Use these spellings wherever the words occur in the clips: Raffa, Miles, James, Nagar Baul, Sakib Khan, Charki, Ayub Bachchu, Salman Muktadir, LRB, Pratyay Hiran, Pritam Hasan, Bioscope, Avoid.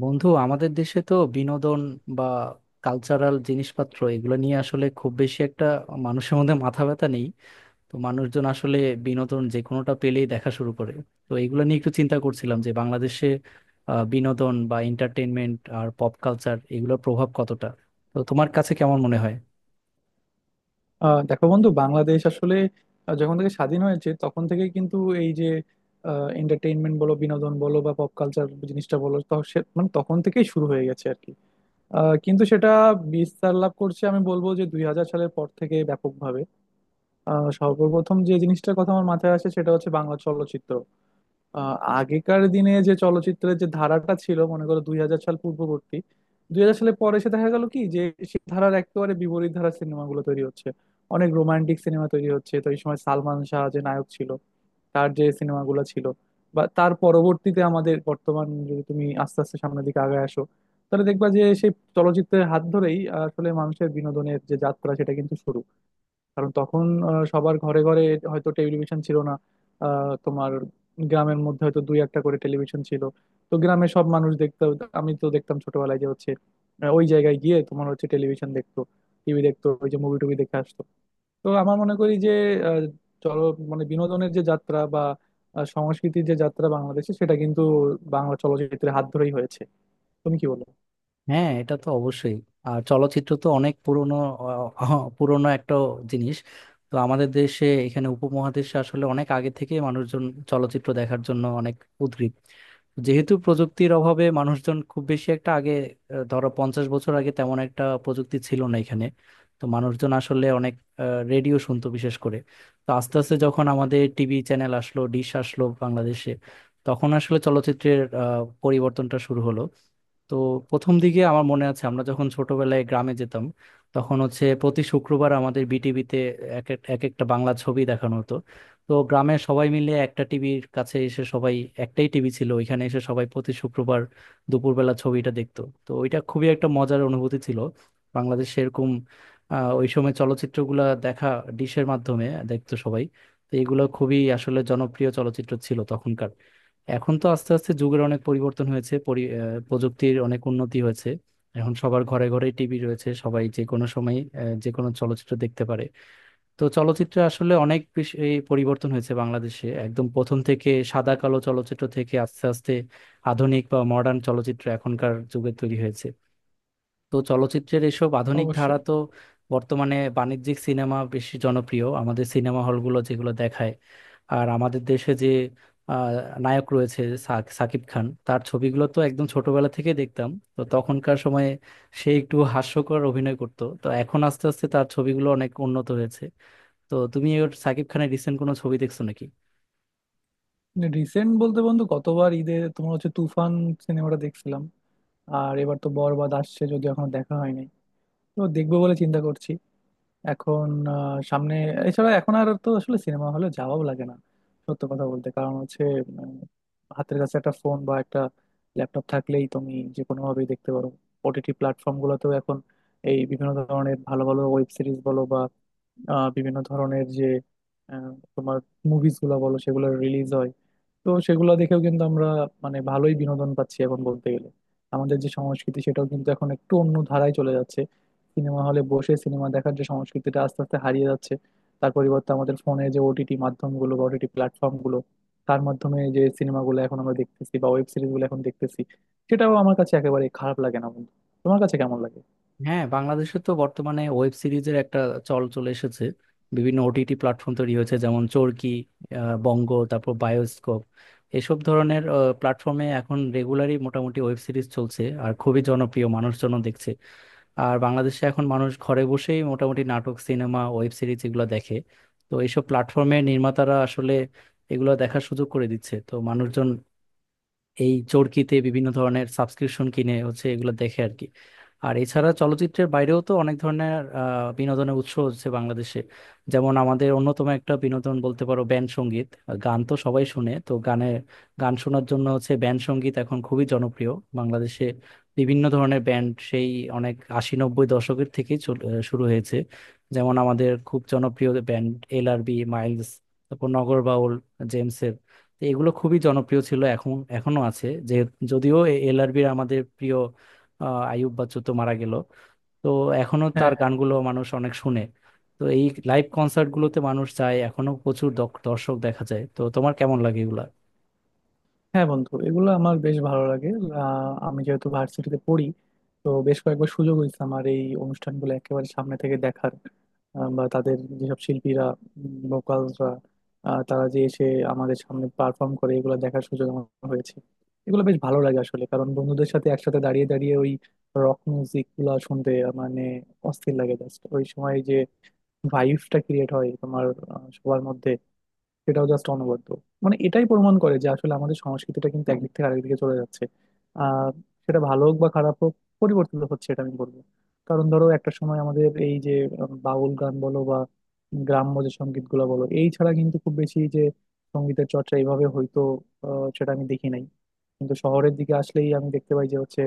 বন্ধু আমাদের দেশে তো বিনোদন বা কালচারাল জিনিসপত্র এগুলো নিয়ে আসলে খুব বেশি একটা মানুষের মধ্যে মাথা ব্যথা নেই। তো মানুষজন আসলে বিনোদন যে কোনোটা পেলেই দেখা শুরু করে। তো এগুলো নিয়ে একটু চিন্তা করছিলাম যে বাংলাদেশে বিনোদন বা এন্টারটেনমেন্ট আর পপ কালচার এগুলোর প্রভাব কতটা, তো তোমার কাছে কেমন মনে হয়? দেখো বন্ধু, বাংলাদেশ আসলে যখন থেকে স্বাধীন হয়েছে তখন থেকে কিন্তু এই যে এন্টারটেইনমেন্ট বলো, বিনোদন বলো বা পপ কালচার জিনিসটা বলো, তো মানে তখন থেকেই শুরু হয়ে গেছে আর কি। কিন্তু সেটা বিস্তার লাভ করছে, আমি বলবো যে 2000 সালের পর থেকে ব্যাপকভাবে। সর্বপ্রথম যে জিনিসটার কথা আমার মাথায় আসে সেটা হচ্ছে বাংলা চলচ্চিত্র। আহ, আগেকার দিনে যে চলচ্চিত্রের যে ধারাটা ছিল, মনে করো 2000 সাল পূর্ববর্তী। 2000 সালের পরে এসে দেখা গেল কি, যে সেই ধারার একেবারে বিপরীত ধারার সিনেমাগুলো তৈরি হচ্ছে, অনেক রোমান্টিক সিনেমা তৈরি হচ্ছে। তো এই সময় সালমান শাহ যে নায়ক ছিল, তার যে সিনেমাগুলো ছিল, বা তার পরবর্তীতে আমাদের বর্তমান, যদি তুমি আস্তে আস্তে সামনের দিকে আগায় আসো তাহলে দেখবা যে সেই চলচ্চিত্রের হাত ধরেই আসলে মানুষের বিনোদনের যে যাত্রা সেটা কিন্তু শুরু। কারণ তখন সবার ঘরে ঘরে হয়তো টেলিভিশন ছিল না। তোমার গ্রামের মধ্যে হয়তো দুই একটা করে টেলিভিশন ছিল। তো গ্রামে সব মানুষ দেখতো। আমি তো দেখতাম ছোটবেলায় যে হচ্ছে ওই জায়গায় গিয়ে তোমার হচ্ছে টেলিভিশন দেখতো, টিভি দেখতো, ওই যে মুভি টুভি দেখে আসতো। তো আমার মনে করি যে আহ, চলো, মানে বিনোদনের যে যাত্রা বা সংস্কৃতির যে যাত্রা বাংলাদেশে সেটা কিন্তু বাংলা চলচ্চিত্রের হাত ধরেই হয়েছে। তুমি কি বলো? হ্যাঁ, এটা তো অবশ্যই। আর চলচ্চিত্র তো অনেক পুরনো, পুরনো একটা জিনিস। তো আমাদের দেশে এখানে উপমহাদেশে আসলে অনেক আগে থেকে মানুষজন চলচ্চিত্র দেখার জন্য অনেক উদগ্রীব। যেহেতু প্রযুক্তির অভাবে মানুষজন খুব বেশি একটা আগে, ধরো 50 বছর আগে তেমন একটা প্রযুক্তি ছিল না এখানে। তো মানুষজন আসলে অনেক রেডিও শুনতো বিশেষ করে। তো আস্তে আস্তে যখন আমাদের টিভি চ্যানেল আসলো, ডিশ আসলো বাংলাদেশে, তখন আসলে চলচ্চিত্রের পরিবর্তনটা শুরু হলো। তো প্রথম দিকে আমার মনে আছে আমরা যখন ছোটবেলায় গ্রামে যেতাম, তখন হচ্ছে প্রতি শুক্রবার আমাদের বিটিভিতে এক এক এক একটা বাংলা ছবি দেখানো হতো। তো গ্রামের সবাই মিলে একটা টিভির কাছে এসে সবাই, একটাই টিভি ছিল ওইখানে এসে সবাই প্রতি শুক্রবার দুপুরবেলা ছবিটা দেখতো। তো ওইটা খুবই একটা মজার অনুভূতি ছিল বাংলাদেশে এরকম, ওই সময় চলচ্চিত্রগুলা দেখা, ডিশের মাধ্যমে দেখতো সবাই। তো এগুলো খুবই আসলে জনপ্রিয় চলচ্চিত্র ছিল তখনকার। এখন তো আস্তে আস্তে যুগের অনেক পরিবর্তন হয়েছে, প্রযুক্তির অনেক উন্নতি হয়েছে। এখন সবার ঘরে ঘরে টিভি রয়েছে, সবাই যে কোনো সময় যে কোনো চলচ্চিত্র দেখতে পারে। তো চলচ্চিত্রে আসলে অনেক বেশি এই পরিবর্তন হয়েছে বাংলাদেশে, একদম প্রথম থেকে সাদা কালো চলচ্চিত্র থেকে আস্তে আস্তে আধুনিক বা মডার্ন চলচ্চিত্র এখনকার যুগে তৈরি হয়েছে। তো চলচ্চিত্রের এসব আধুনিক ধারা অবশ্যই। তো বর্তমানে বাণিজ্যিক সিনেমা বেশি জনপ্রিয়, আমাদের সিনেমা হলগুলো যেগুলো দেখায়। আর আমাদের দেশে যে আহ, নায়ক রয়েছে সাকিব খান, তার ছবিগুলো তো একদম ছোটবেলা থেকে দেখতাম। তো তখনকার সময়ে সে একটু হাস্যকর অভিনয় করতো, তো এখন আস্তে আস্তে তার ছবিগুলো অনেক উন্নত হয়েছে। তো তুমি ওর, সাকিব খানের রিসেন্ট কোনো ছবি দেখছো নাকি? রিসেন্ট বলতে বন্ধু, গতবার ঈদে তোমার হচ্ছে তুফান সিনেমাটা দেখছিলাম। আর এবার তো বরবাদ আসছে, যদিও এখনো দেখা হয়নি। তো দেখবো বলে চিন্তা করছি এখন। সামনে এছাড়া এখন আর তো আসলে সিনেমা হলে যাওয়াও লাগে না, সত্য কথা বলতে। কারণ হচ্ছে, উম, হাতের কাছে একটা ফোন বা একটা ল্যাপটপ থাকলেই তুমি যে কোনো ভাবেই দেখতে পারো। ওটিটি প্ল্যাটফর্ম গুলোতেও এখন এই বিভিন্ন ধরনের ভালো ভালো ওয়েব সিরিজ বলো, বিভিন্ন ধরনের যে আহ, তোমার মুভিজ গুলো বলো, সেগুলো রিলিজ হয়। তো সেগুলো দেখেও কিন্তু আমরা মানে ভালোই বিনোদন পাচ্ছি এখন বলতে গেলে। আমাদের যে সংস্কৃতি সেটাও কিন্তু এখন একটু অন্য ধারায় চলে যাচ্ছে। সিনেমা হলে বসে সিনেমা দেখার যে সংস্কৃতিটা আস্তে আস্তে হারিয়ে যাচ্ছে, তার পরিবর্তে আমাদের ফোনে যে ওটিটি মাধ্যমগুলো বা ওটিটি প্ল্যাটফর্মগুলো, তার মাধ্যমে যে সিনেমাগুলো এখন আমরা দেখতেছি বা ওয়েব সিরিজগুলো এখন দেখতেছি, সেটাও আমার কাছে একেবারে খারাপ লাগে না বন্ধু। তোমার কাছে কেমন লাগে? হ্যাঁ, বাংলাদেশে তো বর্তমানে ওয়েব সিরিজের একটা চল চলে এসেছে। বিভিন্ন ওটিটি প্ল্যাটফর্ম তৈরি হয়েছে, যেমন চরকি, বঙ্গ, তারপর বায়োস্কোপ, এসব ধরনের প্ল্যাটফর্মে এখন রেগুলারই মোটামুটি ওয়েব সিরিজ চলছে আর খুবই জনপ্রিয়, মানুষজন দেখছে। আর বাংলাদেশে এখন মানুষ ঘরে বসেই মোটামুটি নাটক, সিনেমা, ওয়েব সিরিজ এগুলো দেখে। তো এইসব প্ল্যাটফর্মে নির্মাতারা আসলে এগুলো দেখার সুযোগ করে দিচ্ছে, তো মানুষজন এই চরকিতে বিভিন্ন ধরনের সাবস্ক্রিপশন কিনে হচ্ছে এগুলো দেখে আর কি। আর এছাড়া চলচ্চিত্রের বাইরেও তো অনেক ধরনের বিনোদনের উৎস হচ্ছে বাংলাদেশে। যেমন আমাদের অন্যতম একটা বিনোদন বলতে পারো ব্যান্ড সঙ্গীত। গান তো সবাই শুনে, তো গানের, গান শোনার জন্য হচ্ছে ব্যান্ড সঙ্গীত এখন খুবই জনপ্রিয় বাংলাদেশে। বিভিন্ন ধরনের ব্যান্ড, সেই অনেক 80-90 দশকের থেকেই শুরু হয়েছে। যেমন আমাদের খুব জনপ্রিয় ব্যান্ড এলআরবি, মাইলস, তারপর নগরবাউল, জেমসের। তো এগুলো খুবই জনপ্রিয় ছিল, এখন এখনো আছে যে, যদিও এলআরবির আমাদের প্রিয় আইয়ুব বাচ্চু তো মারা গেল। তো এখনো তার হ্যাঁ। গানগুলো মানুষ অনেক শুনে। তো এই লাইভ কনসার্ট গুলোতে মানুষ যায় এখনো, প্রচুর দর্শক দেখা যায়। তো তোমার কেমন লাগে এগুলা? হ্যাঁ বন্ধু, এগুলো আমার বেশ ভালো লাগে। আমি যেহেতু ভার্সিটিতে পড়ি, তো বেশ কয়েকবার সুযোগ হয়েছে আমার এই অনুষ্ঠানগুলো একেবারে সামনে থেকে দেখার। বা তাদের যেসব শিল্পীরা, ভোকালসরা, তারা যে এসে আমাদের সামনে পারফর্ম করে, এগুলো দেখার সুযোগ আমার হয়েছে। এগুলো বেশ ভালো লাগে আসলে, কারণ বন্ধুদের সাথে একসাথে দাঁড়িয়ে দাঁড়িয়ে ওই রক মিউজিক গুলা শুনতে মানে অস্থির লাগে। জাস্ট ওই সময় যে ভাইবটা ক্রিয়েট হয় তোমার সবার মধ্যে, সেটাও জাস্ট অনবদ্য। মানে এটাই প্রমাণ করে যে আসলে আমাদের সংস্কৃতিটা কিন্তু একদিক থেকে আরেক দিকে চলে যাচ্ছে। আহ সেটা ভালো হোক বা খারাপ হোক, পরিবর্তিত হচ্ছে এটা আমি বলবো। কারণ ধরো একটা সময় আমাদের এই যে বাউল গান বলো বা গ্রাম্য যে সঙ্গীত গুলো বলো, এই ছাড়া কিন্তু খুব বেশি যে সঙ্গীতের চর্চা এইভাবে হয়তো, সেটা আমি দেখি নাই। কিন্তু শহরের দিকে আসলেই আমি দেখতে পাই যে হচ্ছে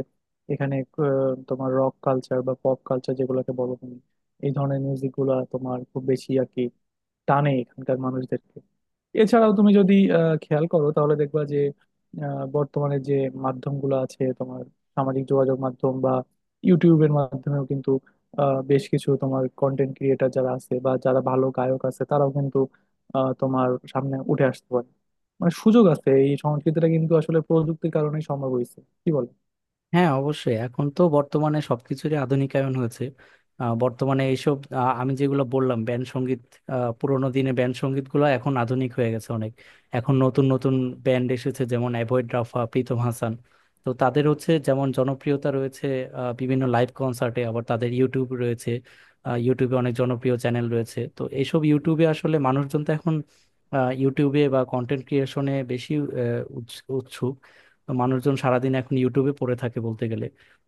এখানে তোমার রক কালচার বা পপ কালচার যেগুলোকে বলো তুমি, এই ধরনের মিউজিক গুলা তোমার খুব বেশি আর কি টানে এখানকার মানুষদেরকে। এছাড়াও তুমি যদি খেয়াল করো তাহলে দেখবা যে বর্তমানে যে মাধ্যমগুলো আছে তোমার, সামাজিক যোগাযোগ মাধ্যম বা ইউটিউবের মাধ্যমেও কিন্তু বেশ কিছু তোমার কন্টেন্ট ক্রিয়েটার যারা আছে বা যারা ভালো গায়ক আছে, তারাও কিন্তু তোমার সামনে উঠে আসতে পারে। মানে সুযোগ আছে। এই সংস্কৃতিটা কিন্তু আসলে প্রযুক্তির কারণেই সম্ভব হয়েছে। কি বল? হ্যাঁ, অবশ্যই এখন তো বর্তমানে সবকিছুরই আধুনিকায়ন হয়েছে। বর্তমানে এইসব আমি যেগুলো বললাম ব্যান্ড সঙ্গীত, পুরোনো দিনে ব্যান্ড সঙ্গীত গুলো এখন আধুনিক হয়ে গেছে অনেক। এখন নতুন নতুন ব্যান্ড এসেছে, যেমন অ্যাভয়েড, রাফা, প্রীতম হাসান। তো তাদের হচ্ছে যেমন জনপ্রিয়তা রয়েছে, বিভিন্ন লাইভ কনসার্টে, আবার তাদের ইউটিউব রয়েছে। ইউটিউবে অনেক জনপ্রিয় চ্যানেল রয়েছে, তো এইসব ইউটিউবে আসলে মানুষজন তো এখন ইউটিউবে বা কন্টেন্ট ক্রিয়েশনে বেশি উৎসুক। মানুষজন সারাদিন এখন ইউটিউবে পড়ে থাকে বলতে গেলে।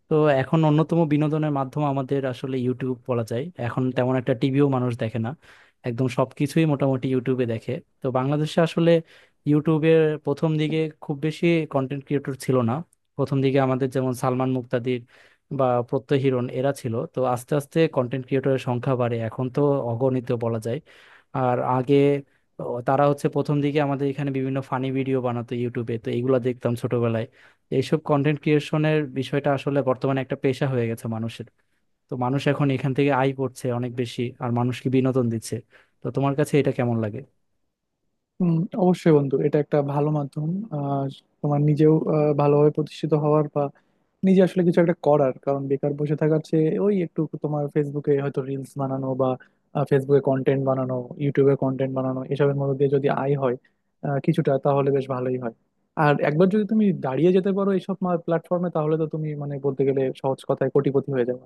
তো এখন অন্যতম বিনোদনের মাধ্যম আমাদের আসলে ইউটিউব বলা যায়, এখন তেমন একটা টিভিও মানুষ দেখে না, একদম সবকিছুই মোটামুটি ইউটিউবে দেখে। তো বাংলাদেশে আসলে ইউটিউবের প্রথম দিকে খুব বেশি কন্টেন্ট ক্রিয়েটর ছিল না। প্রথম দিকে আমাদের যেমন সালমান মুক্তাদির বা প্রত্যয় হিরণ এরা ছিল, তো আস্তে আস্তে কন্টেন্ট ক্রিয়েটরের সংখ্যা বাড়ে, এখন তো অগণিত বলা যায়। আর আগে তো তারা হচ্ছে প্রথম দিকে আমাদের এখানে বিভিন্ন ফানি ভিডিও বানাতো ইউটিউবে, তো এইগুলো দেখতাম ছোটবেলায়। তো এইসব কন্টেন্ট ক্রিয়েশনের বিষয়টা আসলে বর্তমানে একটা পেশা হয়ে গেছে মানুষের। তো মানুষ এখন এখান থেকে আয় করছে অনেক বেশি আর মানুষকে বিনোদন দিচ্ছে। তো তোমার কাছে এটা কেমন লাগে? হুম। অবশ্যই বন্ধু, এটা একটা ভালো মাধ্যম। আর তোমার নিজেও ভালোভাবে প্রতিষ্ঠিত হওয়ার, নিজে আসলে কিছু একটা করার, কারণ বেকার বসে থাকার চেয়ে ওই একটু তোমার ফেসবুকে হয়তো রিলস বানানো বা ফেসবুকে কন্টেন্ট বানানো, ইউটিউবে কন্টেন্ট বানানো, এসবের মধ্যে দিয়ে যদি আয় হয় কিছুটা, তাহলে বেশ ভালোই হয়। আর একবার যদি তুমি দাঁড়িয়ে যেতে পারো এইসব প্ল্যাটফর্মে, তাহলে তো তুমি মানে বলতে গেলে সহজ কথায় কোটিপতি হয়ে যাবে।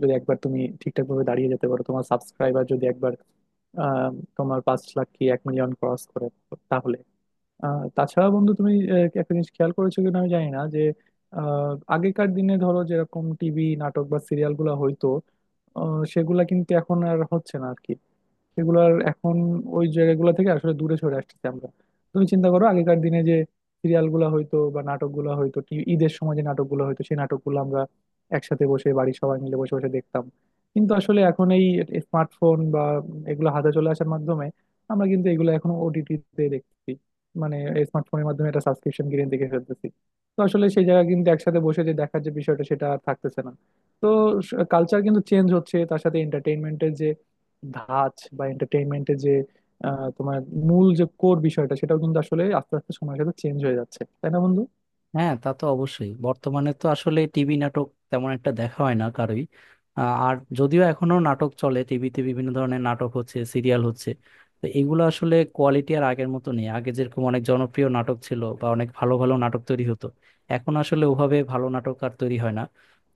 যদি একবার তুমি ঠিকঠাক ভাবে দাঁড়িয়ে যেতে পারো, তোমার সাবস্ক্রাইবার যদি একবার আহ, তোমার 5,00,000 কি 1 মিলিয়ন ক্রস করে, তাহলে। তাছাড়া বন্ধু তুমি একটা জিনিস খেয়াল করেছো কিনা আমি জানি না, যে আগেকার দিনে ধরো যেরকম টিভি নাটক বা সিরিয়াল গুলা হইতো, সেগুলা কিন্তু এখন আর হচ্ছে না আর কি। সেগুলোর এখন ওই জায়গাগুলো থেকে আসলে দূরে সরে আসতেছি আমরা। তুমি চিন্তা করো, আগেকার দিনে যে সিরিয়ালগুলো হয়তো বা নাটকগুলো হয়তো ঈদের সময় যে নাটকগুলো হয়তো, সেই নাটকগুলো আমরা একসাথে বসে বাড়ির সবাই মিলে বসে বসে দেখতাম। কিন্তু আসলে এখন এই স্মার্টফোন বা এগুলো হাতে চলে আসার মাধ্যমে, আমরা কিন্তু এগুলো এখন ওটিটিতে দেখছি। মানে স্মার্টফোনের মাধ্যমে একটা সাবস্ক্রিপশন কিনে দেখে ফেলতেছি। তো আসলে সেই জায়গা কিন্তু, একসাথে বসে যে দেখার যে বিষয়টা সেটা আর থাকতেছে না। তো কালচার কিন্তু চেঞ্জ হচ্ছে, তার সাথে এন্টারটেইনমেন্টের ধাঁচ বা এন্টারটেইনমেন্টের যে তোমার মূল যে কোর বিষয়টা, সেটাও কিন্তু আসলে আস্তে আস্তে সময়ের সাথে চেঞ্জ হয়ে যাচ্ছে, তাই না বন্ধু? হ্যাঁ, তা তো অবশ্যই, বর্তমানে তো আসলে টিভি নাটক তেমন একটা দেখা হয় না কারোই। আর যদিও এখনো নাটক চলে টিভিতে, বিভিন্ন ধরনের নাটক হচ্ছে, সিরিয়াল হচ্ছে, তো এগুলো আসলে কোয়ালিটি আর আগের মতো নেই। আগে যেরকম অনেক জনপ্রিয় নাটক ছিল বা অনেক ভালো ভালো নাটক তৈরি হতো, এখন আসলে ওভাবে ভালো নাটক আর তৈরি হয় না।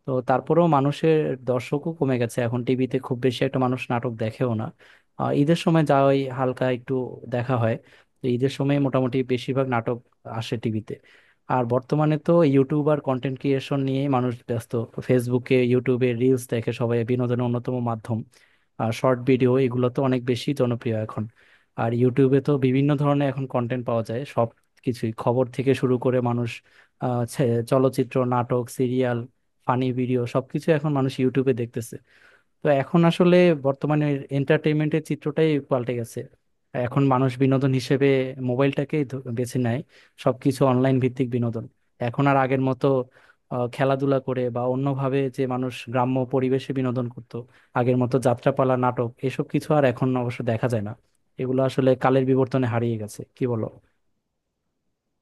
তো তারপরেও মানুষের, দর্শকও কমে গেছে, এখন টিভিতে খুব বেশি একটা মানুষ নাটক দেখেও না। ঈদের সময় যা হয় হালকা একটু দেখা হয়, তো ঈদের সময় মোটামুটি বেশিরভাগ নাটক আসে টিভিতে। আর বর্তমানে তো ইউটিউব আর কন্টেন্ট ক্রিয়েশন নিয়ে মানুষ ব্যস্ত। ফেসবুকে, ইউটিউবে রিলস দেখে সবাই বিনোদনের অন্যতম মাধ্যম। আর শর্ট ভিডিও এগুলো তো অনেক বেশি জনপ্রিয় এখন। আর ইউটিউবে তো বিভিন্ন ধরনের এখন কন্টেন্ট পাওয়া যায়, সব কিছুই খবর থেকে শুরু করে মানুষ চলচ্চিত্র, নাটক, সিরিয়াল, ফানি ভিডিও সবকিছু এখন মানুষ ইউটিউবে দেখতেছে। তো এখন আসলে বর্তমানে এন্টারটেইনমেন্টের চিত্রটাই পাল্টে গেছে। এখন মানুষ বিনোদন হিসেবে মোবাইলটাকেই বেছে নেয়, সবকিছু অনলাইন ভিত্তিক বিনোদন। এখন আর আগের মতো খেলাধুলা করে বা অন্যভাবে যে মানুষ গ্রাম্য পরিবেশে বিনোদন করত, আগের মতো যাত্রাপালা, নাটক এসব কিছু আর এখন অবশ্য দেখা যায় না। এগুলো আসলে কালের বিবর্তনে হারিয়ে গেছে, কি বলো?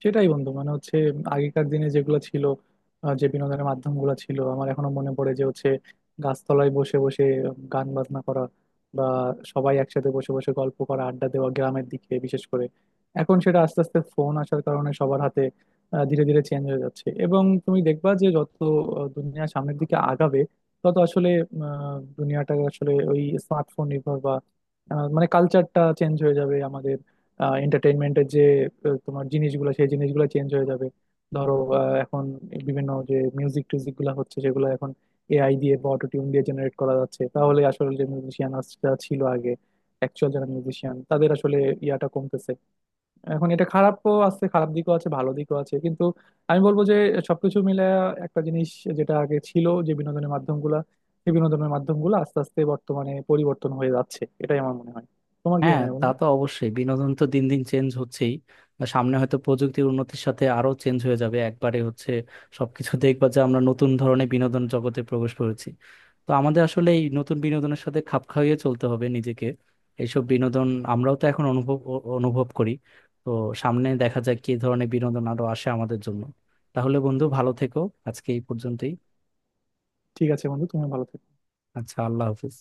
সেটাই বন্ধু, মানে হচ্ছে আগেকার দিনে যেগুলো ছিল যে বিনোদনের মাধ্যমগুলো ছিল, আমার এখনো মনে পড়ে যে হচ্ছে গাছতলায় বসে বসে গান বাজনা করা বা সবাই একসাথে বসে বসে গল্প করা, আড্ডা দেওয়া, গ্রামের দিকে বিশেষ করে। এখন সেটা আস্তে আস্তে ফোন আসার কারণে সবার হাতে ধীরে ধীরে চেঞ্জ হয়ে যাচ্ছে। এবং তুমি দেখবা যে যত দুনিয়া সামনের দিকে আগাবে, তত আসলে দুনিয়াটা আসলে ওই স্মার্টফোন নির্ভর বা মানে কালচারটা চেঞ্জ হয়ে যাবে আমাদের। এন্টারটেইনমেন্টের যে তোমার জিনিসগুলো, সেই জিনিসগুলো চেঞ্জ হয়ে যাবে। ধরো এখন বিভিন্ন যে মিউজিক টিউজিক গুলো হচ্ছে সেগুলো এখন এআই দিয়ে বা অটোটিউন দিয়ে জেনারেট করা যাচ্ছে, তাহলে আসলে যে মিউজিশিয়ান ছিল আগে, অ্যাকচুয়াল যারা মিউজিশিয়ান তাদের আসলে ইয়াটা কমতেছে। এখন এটা খারাপও আছে, খারাপ দিকও আছে, ভালো দিকও আছে, কিন্তু আমি বলবো যে সবকিছু মিলে একটা জিনিস, যেটা আগে ছিল যে বিনোদনের মাধ্যমগুলা, সেই বিনোদনের মাধ্যমগুলো আস্তে আস্তে বর্তমানে পরিবর্তন হয়ে যাচ্ছে, এটাই আমার মনে হয়। তোমার কি হ্যাঁ, মনে হয় তা বন্ধু? তো অবশ্যই, বিনোদন তো দিন দিন চেঞ্জ হচ্ছেই। আর সামনে হয়তো প্রযুক্তির উন্নতির সাথে আরো চেঞ্জ হয়ে যাবে একবারে, হচ্ছে সবকিছু দেখবা যে আমরা নতুন ধরনের বিনোদন জগতে প্রবেশ করেছি। তো আমাদের আসলে এই নতুন বিনোদনের সাথে খাপ খাইয়ে চলতে হবে নিজেকে। এইসব বিনোদন আমরাও তো এখন অনুভব করি। তো সামনে দেখা যাক কি ধরনের বিনোদন আরো আসে আমাদের জন্য। তাহলে বন্ধু ভালো থেকো, আজকে এই পর্যন্তই। ঠিক আছে বন্ধু, তুমি ভালো থেকো। আচ্ছা, আল্লাহ হাফিজ।